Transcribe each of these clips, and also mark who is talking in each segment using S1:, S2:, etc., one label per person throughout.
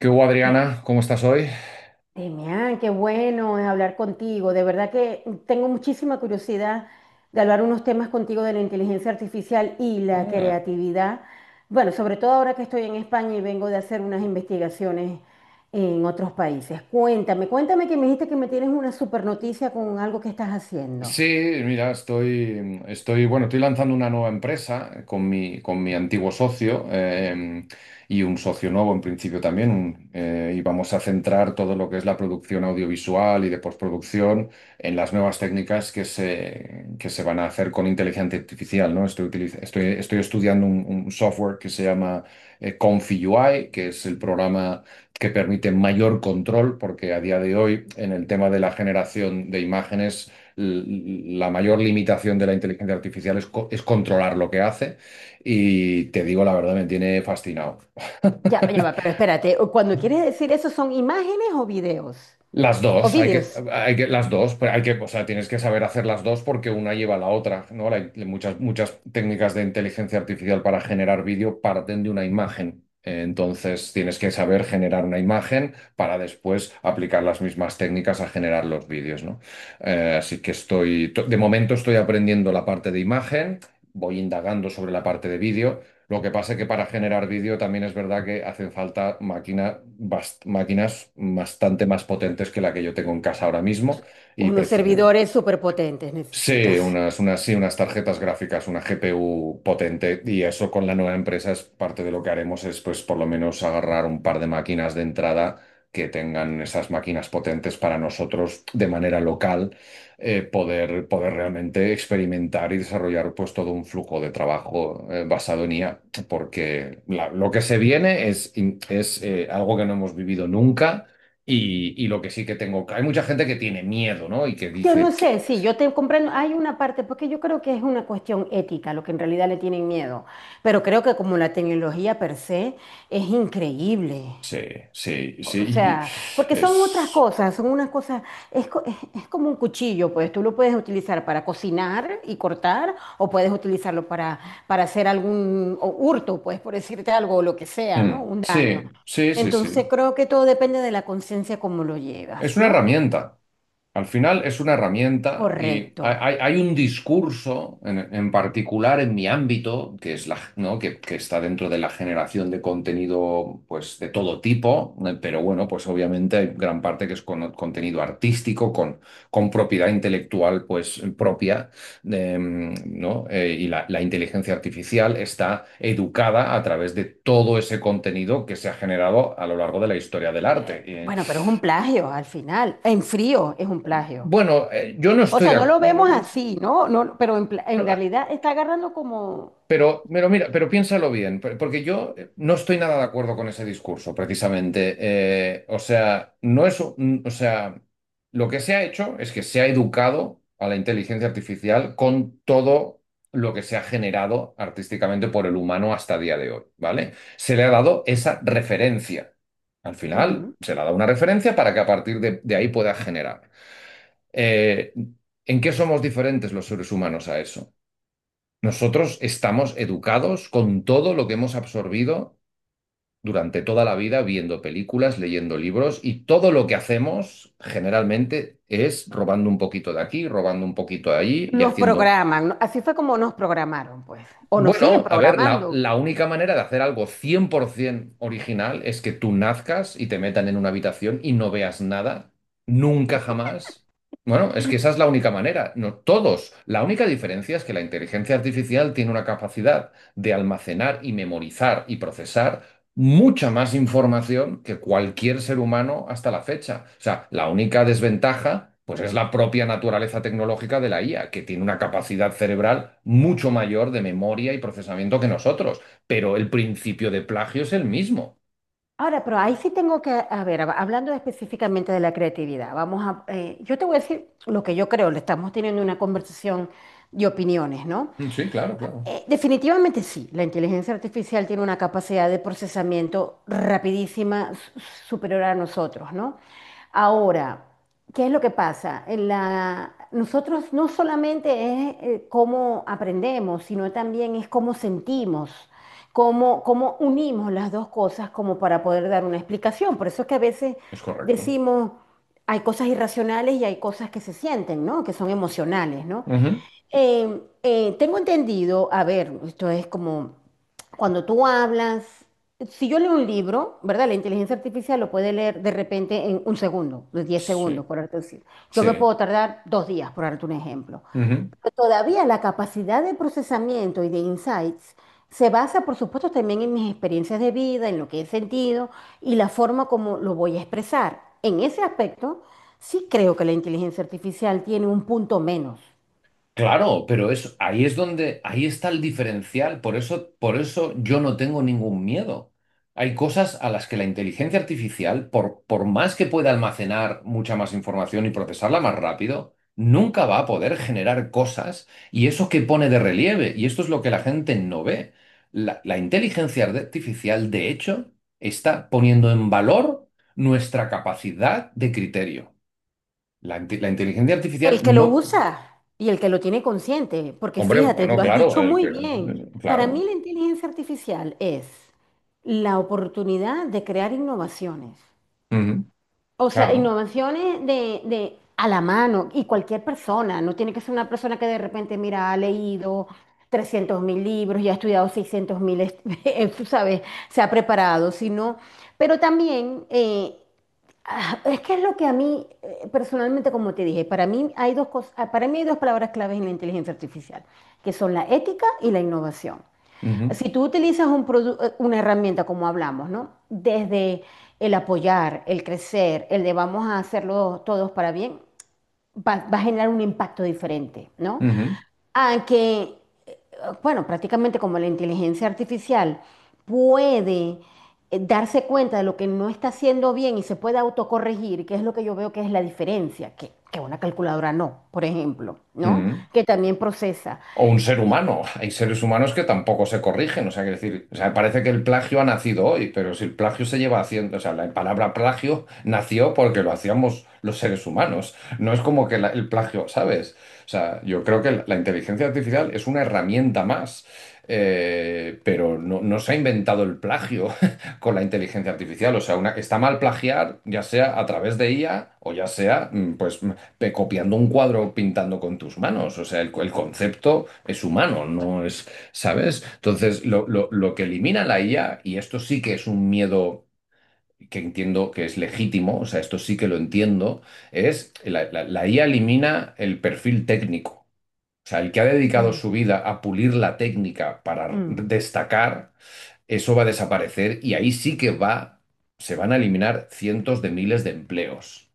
S1: ¿Qué hubo,
S2: Te-
S1: Adriana? ¿Cómo estás hoy?
S2: Demián, qué bueno es hablar contigo. De verdad que tengo muchísima curiosidad de hablar unos temas contigo de la inteligencia artificial y la
S1: Ah.
S2: creatividad. Bueno, sobre todo ahora que estoy en España y vengo de hacer unas investigaciones en otros países. Cuéntame, cuéntame que me dijiste que me tienes una super noticia con algo que estás haciendo.
S1: Sí, mira, bueno, estoy lanzando una nueva empresa con mi antiguo socio, y un socio nuevo en principio también, y vamos a centrar todo lo que es la producción audiovisual y de postproducción en las nuevas técnicas que se van a hacer con inteligencia artificial, ¿no? Estoy estudiando un software que se llama, Confi UI, que es el programa que permite mayor control, porque a día de hoy en el tema de la generación de imágenes la mayor limitación de la inteligencia artificial es controlar lo que hace, y te digo la verdad, me tiene fascinado.
S2: Ya, ya va, pero espérate, cuando quieres decir eso, ¿son imágenes o videos?
S1: Las
S2: O
S1: dos,
S2: videos.
S1: las dos, pero hay que, o sea, tienes que saber hacer las dos porque una lleva a la otra, ¿no? Hay muchas técnicas de inteligencia artificial para generar vídeo parten de una imagen. Entonces tienes que saber generar una imagen para después aplicar las mismas técnicas a generar los vídeos, ¿no? Así que de momento estoy aprendiendo la parte de imagen, voy indagando sobre la parte de vídeo. Lo que pasa es que para generar vídeo también es verdad que hacen falta máquinas bastante más potentes que la que yo tengo en casa ahora mismo, y
S2: Unos servidores súper potentes
S1: sí,
S2: necesitas.
S1: unas tarjetas gráficas, una GPU potente, y eso con la nueva empresa es parte de lo que haremos, es pues por lo menos agarrar un par de máquinas de entrada que tengan esas máquinas potentes para nosotros de manera local, poder realmente experimentar y desarrollar pues todo un flujo de trabajo, basado en IA, porque lo que se viene es, algo que no hemos vivido nunca. Y lo que sí que tengo, hay mucha gente que tiene miedo, ¿no? Y que
S2: Yo no
S1: dice,
S2: sé, sí, yo te comprendo. Hay una parte, porque yo creo que es una cuestión ética, lo que en realidad le tienen miedo. Pero creo que como la tecnología per se es increíble.
S1: sí,
S2: O sea,
S1: sí, y
S2: porque son otras
S1: es.
S2: cosas, son unas cosas, es como un cuchillo, pues tú lo puedes utilizar para cocinar y cortar, o puedes utilizarlo para hacer algún o hurto, pues por decirte algo, o lo que sea, ¿no?
S1: Mm,
S2: Un daño.
S1: sí,
S2: Entonces
S1: sí.
S2: creo que todo depende de la conciencia como lo
S1: Es
S2: llevas,
S1: una
S2: ¿no?
S1: herramienta. Al final es una herramienta, y
S2: Correcto.
S1: hay un discurso en particular en mi ámbito, que es la, ¿no? Que está dentro de la generación de contenido, pues, de todo tipo, pero bueno, pues obviamente hay gran parte que es contenido artístico, con propiedad intelectual, pues, propia, ¿no? Y la inteligencia artificial está educada a través de todo ese contenido que se ha generado a lo largo de la historia del arte.
S2: Bueno, pero es un plagio al final. En frío es un plagio.
S1: Bueno, yo no
S2: O
S1: estoy
S2: sea,
S1: de
S2: no lo vemos
S1: acuerdo.
S2: así, ¿no? No, pero en
S1: No, ah,
S2: realidad está agarrando como.
S1: Pero mira, pero piénsalo bien, porque yo, no estoy nada de acuerdo con ese discurso, precisamente. O sea, no es, un- o sea, lo que se ha hecho es que se ha educado a la inteligencia artificial con todo lo que se ha generado artísticamente por el humano hasta día de hoy, ¿vale? Se le ha dado esa referencia. Al final,
S2: Ujú.
S1: se le ha dado una referencia para que a partir de ahí pueda generar. Eh, ¿En qué somos diferentes los seres humanos a eso? Nosotros estamos educados con todo lo que hemos absorbido durante toda la vida, viendo películas, leyendo libros, y todo lo que hacemos generalmente es robando un poquito de aquí, robando un poquito de allí y
S2: Nos
S1: haciendo,
S2: programan, ¿no? Así fue como nos programaron, pues. O nos siguen
S1: bueno, a ver, la,
S2: programando.
S1: la única manera de hacer algo 100% original es que tú nazcas y te metan en una habitación y no veas nada, nunca jamás. Bueno, es que esa es la única manera. No todos. La única diferencia es que la inteligencia artificial tiene una capacidad de almacenar y memorizar y procesar mucha más información que cualquier ser humano hasta la fecha. O sea, la única desventaja, pues es la propia naturaleza tecnológica de la IA, que tiene una capacidad cerebral mucho mayor de memoria y procesamiento que nosotros. Pero el principio de plagio es el mismo.
S2: Ahora, pero ahí sí tengo que, a ver, hablando específicamente de la creatividad, yo te voy a decir lo que yo creo, le estamos teniendo una conversación de opiniones, ¿no?
S1: Mm, sí, claro, claro.
S2: Definitivamente sí, la inteligencia artificial tiene una capacidad de procesamiento rapidísima superior a nosotros, ¿no? Ahora, ¿qué es lo que pasa? Nosotros no solamente es cómo aprendemos, sino también es cómo sentimos, cómo unimos las dos cosas como para poder dar una explicación. Por eso es que a veces
S1: Es correcto.
S2: decimos, hay cosas irracionales y hay cosas que se sienten, ¿no? Que son emocionales, ¿no?
S1: Ujú.
S2: Tengo entendido, a ver, esto es como cuando tú hablas, si yo leo un libro, ¿verdad? La inteligencia artificial lo puede leer de repente en un segundo, de diez
S1: Sí,
S2: segundos, por darte decir. Yo me
S1: sí.
S2: puedo tardar 2 días, por darte un ejemplo.
S1: Ujú.
S2: Todavía la capacidad de procesamiento y de insights se basa, por supuesto, también en mis experiencias de vida, en lo que he sentido y la forma como lo voy a expresar. En ese aspecto, sí creo que la inteligencia artificial tiene un punto menos.
S1: Claro, pero es, ahí es donde, ahí está el diferencial. Por eso yo no tengo ningún miedo. Hay cosas a las que la inteligencia artificial, por más que pueda almacenar mucha más información y procesarla más rápido, nunca va a poder generar cosas, y eso que pone de relieve. Y esto es lo que la gente no ve. La inteligencia artificial, de hecho, está poniendo en valor nuestra capacidad de criterio. La inteligencia artificial
S2: El que lo
S1: no.
S2: usa y el que lo tiene consciente, porque
S1: Hombre,
S2: fíjate,
S1: bueno,
S2: lo has
S1: claro,
S2: dicho muy bien. Para
S1: claro,
S2: mí la inteligencia artificial es la oportunidad de crear innovaciones.
S1: ujú,
S2: O sea,
S1: claro,
S2: innovaciones de a la mano y cualquier persona, no tiene que ser una persona que de repente, mira, ha leído 300.000 libros y ha estudiado 600.000, tú sabes, se ha preparado, sino, pero también. Es que es lo que a mí, personalmente, como te dije, para mí hay dos palabras claves en la inteligencia artificial, que son la ética y la innovación.
S1: ujú,
S2: Si tú utilizas un una herramienta, como hablamos, ¿no? Desde el apoyar, el crecer, el de vamos a hacerlo todos para bien, va a generar un impacto diferente, ¿no?
S1: ujú,
S2: A que bueno, prácticamente como la inteligencia artificial puede darse cuenta de lo que no está haciendo bien y se puede autocorregir, que es lo que yo veo que es la diferencia, que una calculadora no, por ejemplo, ¿no?
S1: ujú.
S2: Que también procesa.
S1: O un ser humano. Hay seres humanos que tampoco se corrigen. O sea, quiero decir, o sea, parece que el plagio ha nacido hoy, pero si el plagio se lleva haciendo, o sea, la palabra plagio nació porque lo hacíamos los seres humanos. No es como que el plagio, ¿sabes? O sea, yo creo que la inteligencia artificial es una herramienta más, pero no, no se ha inventado el plagio con la inteligencia artificial. O sea, está mal plagiar, ya sea a través de IA o ya sea, mm, pues copiando un cuadro, pintando con tus manos. O sea, el concepto es humano, no es, ¿sabes? Entonces, lo que elimina la IA, y esto sí que es un miedo que entiendo que es legítimo, o sea, esto sí que lo entiendo, es la IA elimina el perfil técnico. O sea, el que ha dedicado
S2: Mm,
S1: su vida a pulir la técnica para
S2: mm,
S1: destacar, eso va a desaparecer, y ahí sí que se van a eliminar cientos de miles de empleos.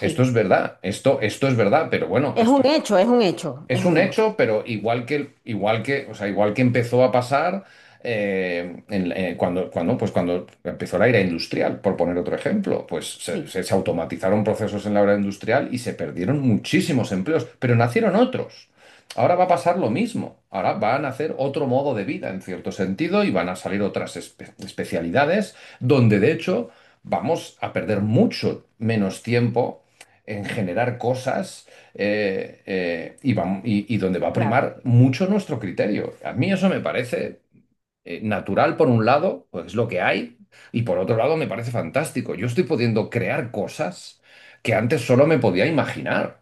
S1: Esto es verdad, esto es verdad, pero bueno,
S2: es
S1: esto
S2: un hecho, es un hecho, es
S1: es un
S2: un hecho.
S1: hecho, pero igual que, o sea, igual que empezó a pasar, cuando, pues cuando empezó la era industrial, por poner otro ejemplo, pues se,
S2: Sí,
S1: se automatizaron procesos en la era industrial y se perdieron muchísimos empleos, pero nacieron otros. Ahora va a pasar lo mismo. Ahora van a hacer otro modo de vida, en cierto sentido, y van a salir especialidades donde, de hecho, vamos a perder mucho menos tiempo en generar cosas, y donde va a
S2: claro.
S1: primar mucho nuestro criterio. A mí eso me parece, natural por un lado, pues es lo que hay, y por otro lado me parece fantástico. Yo estoy pudiendo crear cosas que antes solo me podía imaginar.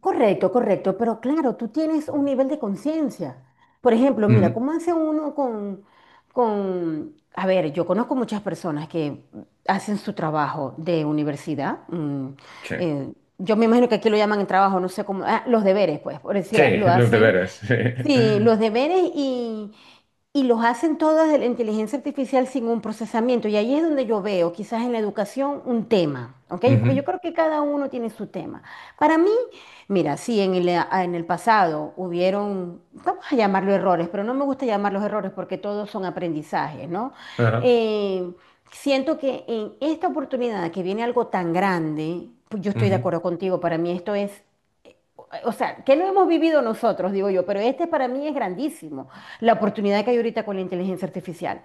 S2: Correcto, correcto, pero claro, tú tienes un nivel de conciencia. Por ejemplo, mira,
S1: Mm,
S2: ¿cómo hace uno a ver, yo conozco muchas personas que hacen su trabajo de universidad.
S1: sí.
S2: Eh, yo me imagino que aquí lo llaman el trabajo, no sé cómo, los deberes, pues, por decir,
S1: Sí,
S2: lo
S1: los
S2: hacen,
S1: deberes. Sí.
S2: sí, los deberes y los hacen todos desde la inteligencia artificial sin un procesamiento. Y ahí es donde yo veo, quizás en la educación, un tema, ¿ok? Porque
S1: Ujú,
S2: yo creo que cada uno tiene su tema. Para mí, mira, sí, en el pasado hubieron, vamos a llamarlo errores, pero no me gusta llamarlos errores porque todos son aprendizajes, ¿no?
S1: ajá,
S2: Eh, Siento que en esta oportunidad que viene algo tan grande, pues yo estoy
S1: ujú.
S2: de acuerdo contigo, para mí esto es, o sea, que no hemos vivido nosotros, digo yo, pero este para mí es grandísimo, la oportunidad que hay ahorita con la inteligencia artificial.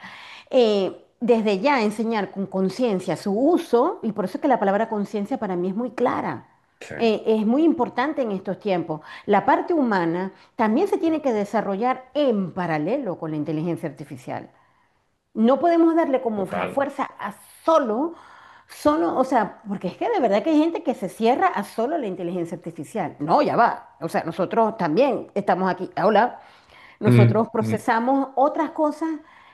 S2: Desde ya enseñar con conciencia su uso, y por eso es que la palabra conciencia para mí es muy clara.
S1: Sí,
S2: Es muy importante en estos tiempos. La parte humana también se tiene que desarrollar en paralelo con la inteligencia artificial. No podemos darle como la
S1: total.
S2: fuerza a solo, solo, o sea, porque es que de verdad que hay gente que se cierra a solo la inteligencia artificial. No, ya va. O sea, nosotros también estamos aquí. Hola,
S1: Mm,
S2: nosotros
S1: mm,
S2: procesamos otras cosas,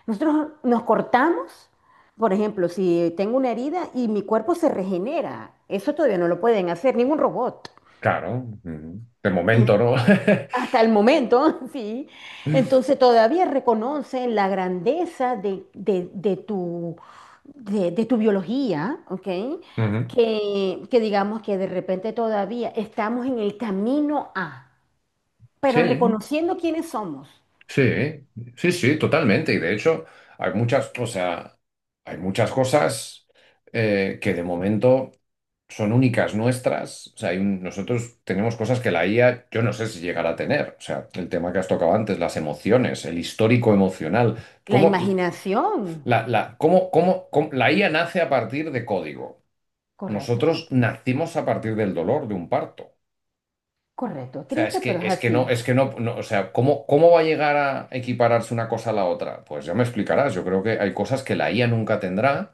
S2: nosotros nos cortamos. Por ejemplo, si tengo una herida y mi cuerpo se regenera, eso todavía no lo pueden hacer ningún robot.
S1: claro, ujú. De momento, ¿no?
S2: Hasta el momento, sí. Entonces todavía reconocen la grandeza de, de tu biología, ¿ok?
S1: Ujú.
S2: Que digamos que de repente todavía estamos en el camino a, pero
S1: Sí.
S2: reconociendo quiénes somos.
S1: Sí, sí, totalmente. Y de hecho, hay muchas, o sea, hay muchas cosas, que de momento son únicas nuestras. O sea, nosotros tenemos cosas que la IA, yo no sé si llegará a tener. O sea, el tema que has tocado antes, las emociones, el histórico emocional.
S2: La
S1: ¿Cómo
S2: imaginación.
S1: cómo, la IA nace a partir de código?
S2: Correcto,
S1: Nosotros nacimos a partir del dolor de un parto.
S2: correcto.
S1: O sea,
S2: Triste, pero es así.
S1: es que no, no, o sea, ¿cómo, cómo va a llegar a equipararse una cosa a la otra? Pues ya me explicarás, yo creo que hay cosas que la IA nunca tendrá,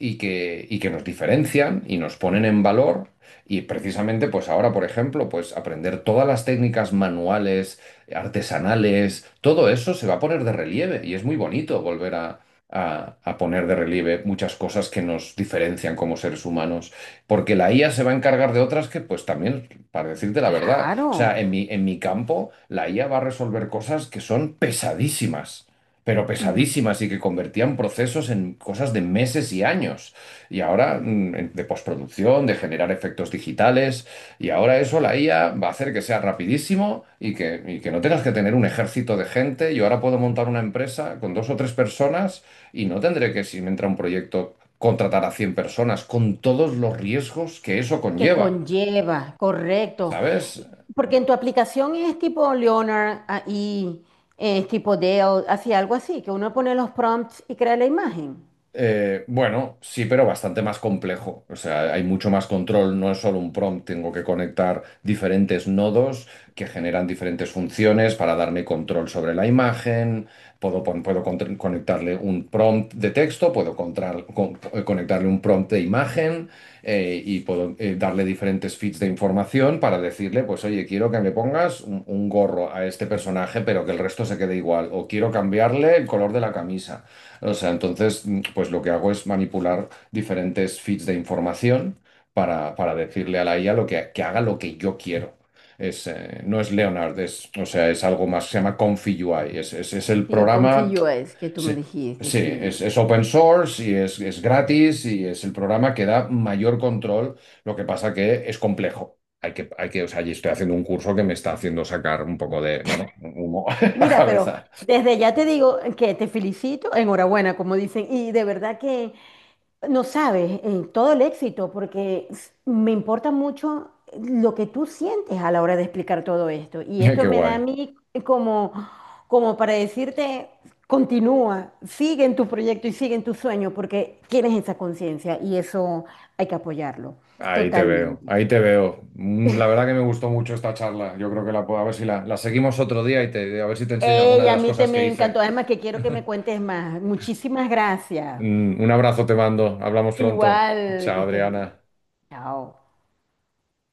S1: y que nos diferencian y nos ponen en valor. Y precisamente, pues ahora, por ejemplo, pues aprender todas las técnicas manuales, artesanales, todo eso se va a poner de relieve, y es muy bonito volver a, a poner de relieve muchas cosas que nos diferencian como seres humanos, porque la IA se va a encargar de otras que, pues también, para decirte la verdad, o sea,
S2: Claro.
S1: en mi campo, la IA va a resolver cosas que son pesadísimas, pero
S2: Mm.
S1: pesadísimas, y que convertían procesos en cosas de meses y años. Y ahora, mm, de postproducción, de generar efectos digitales, y ahora eso la IA va a hacer que sea rapidísimo, y que no tengas que tener un ejército de gente. Yo ahora puedo montar una empresa con dos o tres personas y no tendré que, si me entra un proyecto, contratar a 100 personas con todos los riesgos que eso
S2: Que
S1: conlleva.
S2: conlleva, correcto.
S1: ¿Sabes?
S2: Y- Porque en tu aplicación es tipo Leonard y es tipo Dell, así algo así, que uno pone los prompts y crea la imagen.
S1: Bueno, sí, pero bastante más complejo. O sea, hay mucho más control, no es solo un prompt, tengo que conectar diferentes nodos que generan diferentes funciones para darme control sobre la imagen, puedo conectarle un prompt de texto, puedo conectarle un prompt de imagen, y puedo, darle diferentes feeds de información para decirle, pues oye, quiero que me pongas un gorro a este personaje, pero que el resto se quede igual, o quiero cambiarle el color de la camisa. O sea, entonces, mm, pues lo que hago es manipular diferentes feeds de información para decirle a la IA lo que haga lo que yo quiero. No es Leonard, es, o sea, es algo más, se llama Confi UI. Es el
S2: Sí,
S1: programa,
S2: confío es que tú me
S1: sí,
S2: dijiste,
S1: sí,
S2: sí.
S1: es open source y es gratis y es el programa que da mayor control. Lo que pasa que es complejo. O sea, y estoy haciendo un curso que me está haciendo sacar un poco de, bueno, humo a la
S2: Mira, pero
S1: cabeza.
S2: desde ya te digo que te felicito, enhorabuena, como dicen, y de verdad que no sabes, todo el éxito, porque me importa mucho lo que tú sientes a la hora de explicar todo esto. Y esto
S1: Qué
S2: me da a
S1: guay.
S2: mí como, como, para decirte, continúa, sigue en tu proyecto y sigue en tu sueño, porque tienes esa conciencia y eso hay que apoyarlo
S1: Ahí te veo,
S2: totalmente.
S1: ahí te veo. Mm, la verdad que me gustó mucho esta charla. Yo creo que la puedo, a ver si la seguimos otro día y te, a ver si te enseño alguna
S2: Ey,
S1: de
S2: a
S1: las
S2: mí te
S1: cosas que
S2: me
S1: hice.
S2: encantó, además que quiero que me cuentes más. Muchísimas gracias.
S1: Mm, un abrazo te mando. Hablamos pronto.
S2: Igual, que
S1: Chao,
S2: estés
S1: Adriana.
S2: bien. Chao.